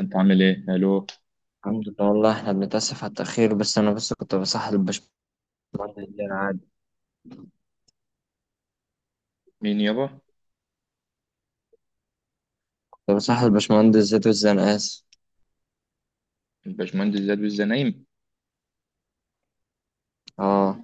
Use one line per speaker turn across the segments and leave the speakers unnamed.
انت عامل ايه؟ الو؟
الحمد لله والله احنا بنتأسف على التأخير بس أنا بس كنت بصحح الباشمهندس زياد.
مين يابا؟
كنت بصحح الباشمهندس زياد الزنقاس.
الباشمهندس زاد وزة نايم.
اه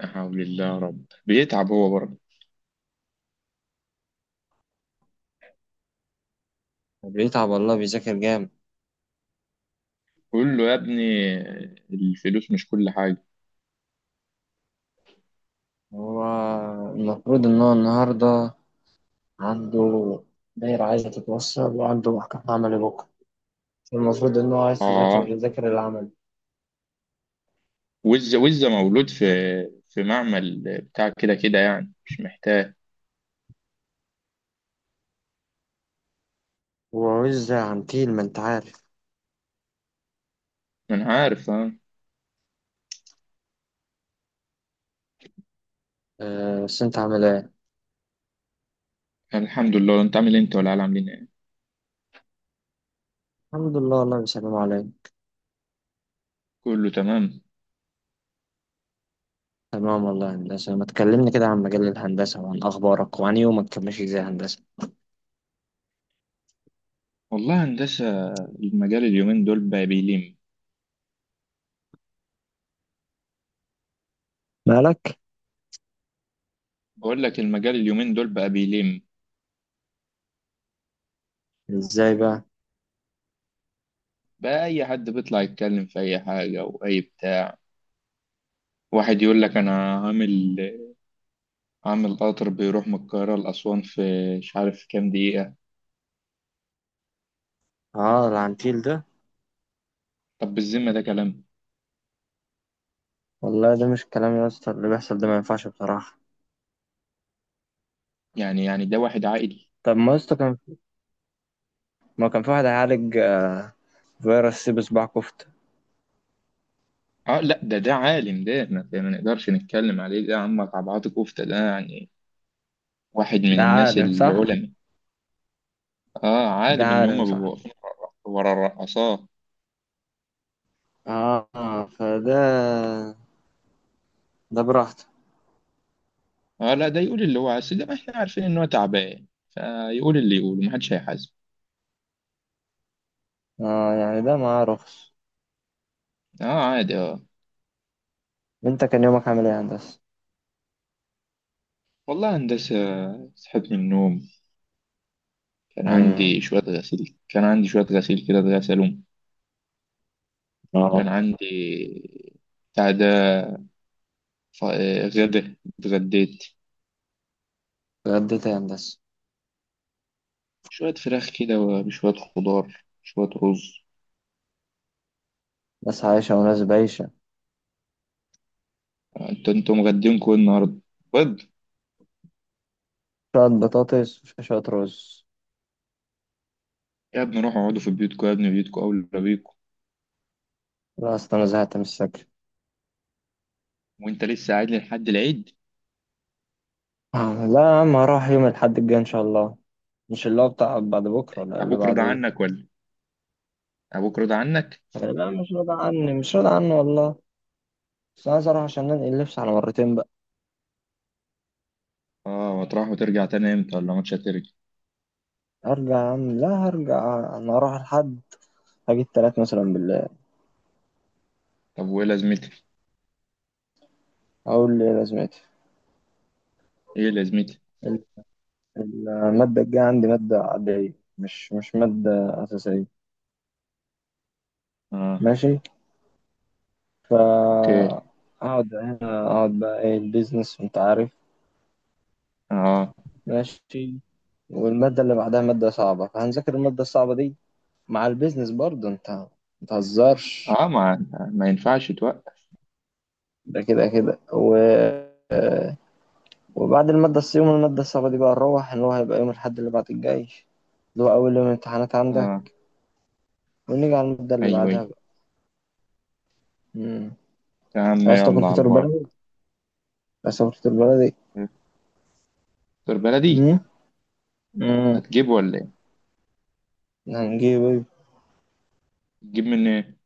لا حول الله يا رب، بيتعب هو برضه.
بيتعب والله بيذاكر جامد.
قول له يا ابني الفلوس مش كل حاجه.
هو المفروض إن هو النهاردة عنده دايرة عايزة تتوصل وعنده محكمة عملي بكرة. المفروض إن هو عايز
اه
يذاكر العمل
وزة وزة مولود في في معمل بتاع كده، كده يعني مش محتاج.
وعز عنتيل ما أنت عارف.
ما انا عارف
آه بس أنت عامل إيه؟
الحمد لله، انت عامل إيه؟ انت ولا عاملين ايه؟
الحمد لله والله بيسلموا عليا.
كله تمام.
تمام والله يا هندسة، ما تكلمني كده عن مجال الهندسة وعن أخبارك وعن يومك، كان ماشي إزاي يا هندسة؟
والله هندسه، المجال اليومين دول بقى بيلم.
مالك؟
بقول لك المجال اليومين دول بقى بيلم.
ازاي بقى؟
بقى اي حد بيطلع يتكلم في اي حاجه واي بتاع. واحد يقول لك انا هعمل هعمل قطر بيروح من القاهره لاسوان في مش عارف كام دقيقه.
اه العنتيل ده.
طب بالذمه ده كلام؟
والله ده مش كلام يا اسطى، اللي بيحصل ده ما ينفعش بصراحة.
يعني ده واحد عاقل؟
طب ما يا اسطى كان، ما كان في واحد هيعالج فيروس سي بصباع كفتة.
اه لا، ده عالم، ده ما نقدرش نتكلم عليه، ده عم طبعات كفته، ده يعني واحد من
ده
الناس
عالم صح.
العلماء. اه
ده
عالم، اللي هم
عالم صح.
بيبقوا واقفين ورا الرقاصات.
اه فده ده براحته.
اه لا، ده يقول اللي هو عايز، ده ما احنا عارفين ان هو تعبان فيقول اللي يقوله، ما حدش هيحاسبه.
اه يعني ده معاه رخص.
اه عادي
انت كان يومك عامل ايه يا هندسة؟
والله هندسه، صحيت من النوم،
امم.
كان عندي شوية غسيل كده، اتغسلهم. كان
اه.
عندي بتاع ده، غدا اتغديت
اتغديت إيه يا هندسة؟
شوية فراخ كده، وشوية خضار، شوية رز.
ناس عايشة وناس بايشة.
انتوا مغدينكوا ايه النهاردة؟ بيض؟
شوية بطاطس وشوية رز.
يا ابني روحوا اقعدوا في بيوتكم، يا ابني بيوتكم أولى بيكم.
لا اصل انا زهقت من السكر.
وانت لسه قاعد لي لحد العيد؟
لا يا عم، هروح يوم الأحد الجاي إن شاء الله. مش اللي هو بتاع بعد بكرة ولا اللي
ابوك
بعد
رضى
ايه؟
عنك ولا ابوك رضى عنك؟
لا مش راضي عني، مش راضي عني والله. بس عايز اروح عشان انقل اللبس على مرتين بقى.
اه هتروح وترجع تاني امتى ولا مش هترجع؟
هرجع يا عم، لا هرجع، انا هروح لحد، هجيب 3 مثلا بالله.
طب وايه لازمتها؟
اقول لي لازمتي.
ايه لازمتها؟
ال- المادة الجاية عندي مادة عادية، مش مادة أساسية.
اه
ماشي. فا
اوكي.
أقعد هنا، أقعد بقى إيه البيزنس أنت عارف.
اه
ماشي. والمادة اللي بعدها مادة صعبة، فهنذاكر المادة الصعبة دي مع البيزنس برضه. أنت متهزرش.
اه ما ينفعش توقف.
ده كده كده وبعد المادة يوم المادة الصعبة دي بقى، نروح اللي هو هيبقى يوم الأحد اللي بعد الجاي، اللي هو أول يوم امتحانات
اه
عندك. ونيجي على المادة اللي
ايوه،
بعدها
ايوه.
بقى. مم.
يا
مش
عم
عايز تاكل
يلا على
فطار
البركه.
بلدي؟ عايز تاكل فطار بلدي؟
دكتور بلدي.
مم؟ مم.
هتجيبه ولا ايه؟
هنجيب إيه؟
تجيب من إيه؟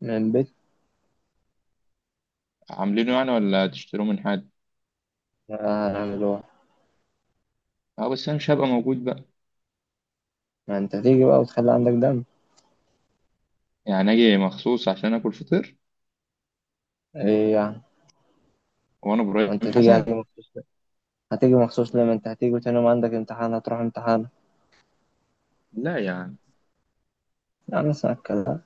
من البيت.
عاملينه يعني ولا تشتروه من حد؟
هنعمل هو.
اه بس انا مش هبقى موجود بقى.
ما أنت هتيجي بقى وتخلي عندك دم.
يعني اجي مخصوص عشان اكل فطير؟
إيه يعني؟
وانا
ما
ابراهيم
أنت هتيجي
حسن؟
مخصوص ليه؟ هتيجي مخصوص ليه؟ ما أنت هتيجي وتاني يوم عندك امتحان، هتروح امتحان.
لا يا عم،
يعني اسمع الكلام.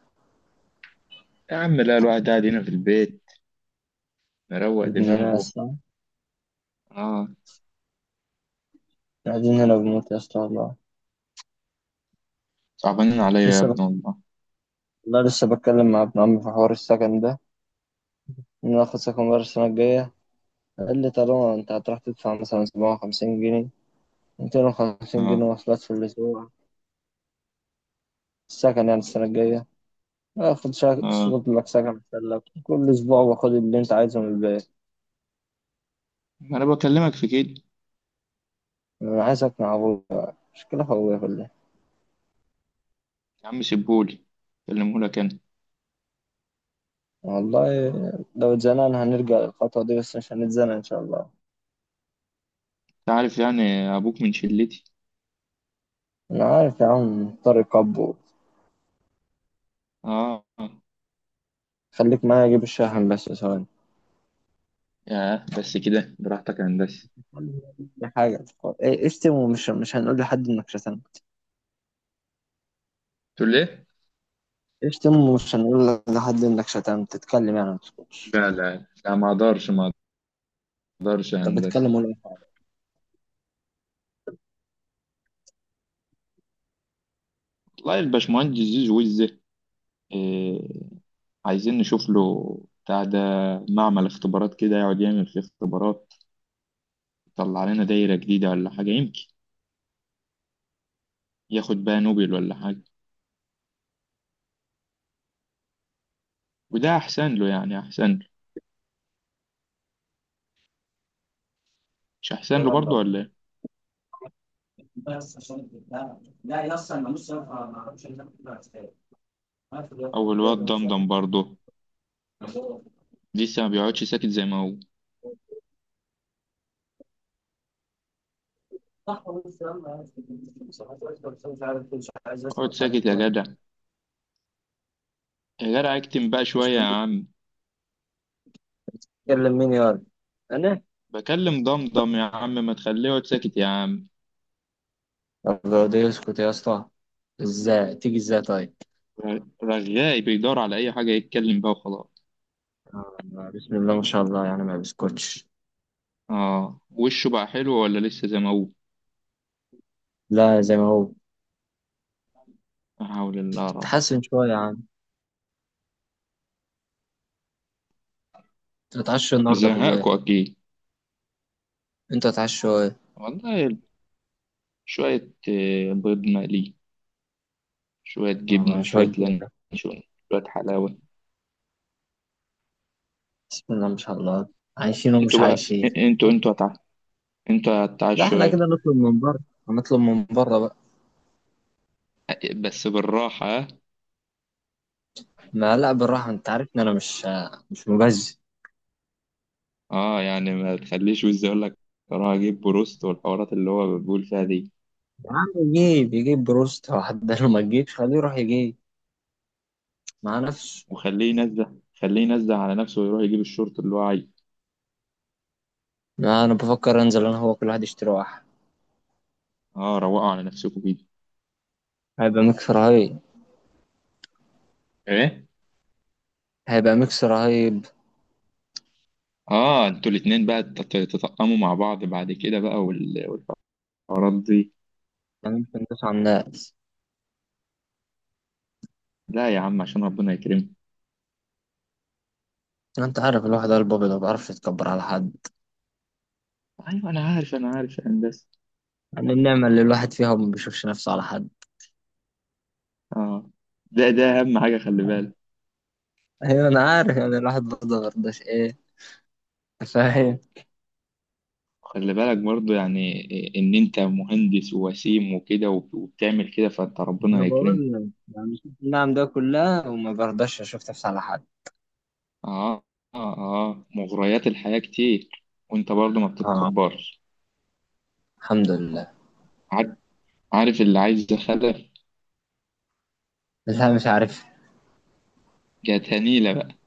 يا عم لا، الواحد قاعد هنا في البيت مروق
ابن
دماغه.
ناس.
اه
قاعدين هنا بنموت يا اسطى والله.
صعبانين عليا يا ابن
لسه،
الله.
لا لسه بتكلم مع ابن عمي في حوار السكن ده، إن ناخد سكن بره السنة الجاية. قال لي طالما أنت هتروح تدفع مثلا 57 جنيه، 250 جنيه
اه
مواصلات في الأسبوع، السكن يعني السنة الجاية آخد
اه
شغل لك سكن أحسن لك، كل أسبوع باخد اللي أنت عايزه من البيت.
انا بكلمك في كده.
أنا عايز أقنع أبويا، مشكلة في أبويا كلها.
يا عم سيبهولي، كلمهولك انا.
والله لو اتزنقنا هنرجع للخطوة دي، بس مش هنتزنق إن شاء الله.
انت عارف يعني، ابوك من شلتي.
أنا عارف يا عم طارق أبو.
اه آه.
خليك معايا أجيب الشاحن بس ثواني.
ياه بس كده، براحتك يا هندسه.
دي حاجة، اشتم ومش مش هنقول لحد انك شتمت.
تقول ليه؟
اشتم ومش هنقول لحد انك شتمت، تتكلم يعني، ما تسكتش.
لا لا لا، ما اقدرش يا
طب
هندسة.
اتكلم ولا أي حاجة.
والله الباشمهندس زيزو وزة، إيه، عايزين نشوف له بتاع ده، معمل اختبارات كده يقعد يعمل فيه اختبارات، يطلع لنا دايرة جديدة ولا حاجة، يمكن ياخد بقى نوبل ولا حاجة. وده أحسن له، يعني أحسن له. مش أحسن له برضه ولا إيه؟ أو الواد دمدم برضه لسه ما بيقعدش ساكت زي ما هو. اقعد ساكت يا جدع، يا جدع اكتم بقى
مش
شوية يا
كنت
عم.
تتكلم مين يا ولد انا؟
بكلم دمدم، يا عم ما تخليه يقعد ساكت يا عم.
طب لو ده يسكت يا اسطى، ازاي تيجي ازاي طيب؟
رغاي، بيدور على أي حاجة يتكلم بقى وخلاص.
آه، بسم الله ما شاء الله، يعني ما بيسكتش.
آه، وشه بقى حلو ولا لسه زي ما هو؟
لا زي ما هو.
لا حول الله رب.
تتحسن شوية يا عم. تتعشى النهاردة في البيت.
زهقكوا أكيد.
انت تتعشى ايه؟
والله شوية بيض مقلي، شوية جبنة، وشوية
شوية.
لانشون، شوية حلاوة.
بسم الله ما شاء الله. عايشين
انتوا
ومش
بقى،
عايشين.
انتوا انتوا هتع... انتوا
لا
هتعشوا
احنا
ايه؟
كده نطلب من بره، هنطلب من بره بقى.
بس بالراحة ها؟
ما لا بالراحة، انت عارف ان انا مش مبذر.
اه يعني ما تخليش وز يقول لك اروح اجيب بروست، والحوارات اللي هو بيقول فيها دي.
يا عم، يجيب بروست واحد ده، لو ما تجيبش خليه يروح يجيب مع نفسه.
وخليه ينزه، خليه ينزه على نفسه ويروح يجيب الشورت اللي هو عايزه.
ما انا بفكر انزل، انا هو كل واحد يشتري واحد.
اه روقوا على نفسكم كده.
هيبقى ميكس رهيب.
ايه؟
هيبقى ميكس رهيب.
اه، انتوا الاتنين بقى تتطقموا مع بعض بعد كده بقى، والحوارات دي.
يعني ممكن ندوس على الناس.
لا يا عم، عشان ربنا يكرمك.
انت عارف الواحد قلبه ابيض، ما بيعرفش يتكبر على حد.
ايوه انا عارف، يا هندسه.
يعني النعمة اللي الواحد فيها، وما بيشوفش نفسه على حد.
اه ده اهم حاجه، خلي بالك.
ايوه انا عارف، يعني الواحد برضه ما برضاش ايه. فاهم.
خلي بالك برضو يعني، ان انت مهندس ووسيم وكده، وبتعمل كده، فانت ربنا
انا
هيكرمك.
بقول لك، انا شفت النعم ده كلها وما برضاش اشوف نفسي على حد.
اه اه اه مغريات الحياه كتير، وانت برضو ما
اه.
بتتكبرش.
الحمد لله.
عار- عارف اللي عايز خلف؟
لا مش عارف.
جات هنيله بقى.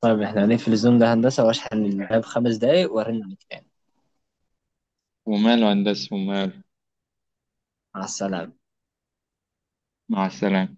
طيب احنا هنقفل الزوم ده هندسه، واشحن اللاب 5 دقايق وارن عليك تاني.
وماله يا هندسه، وماله.
مع السلامه.
مع السلامه.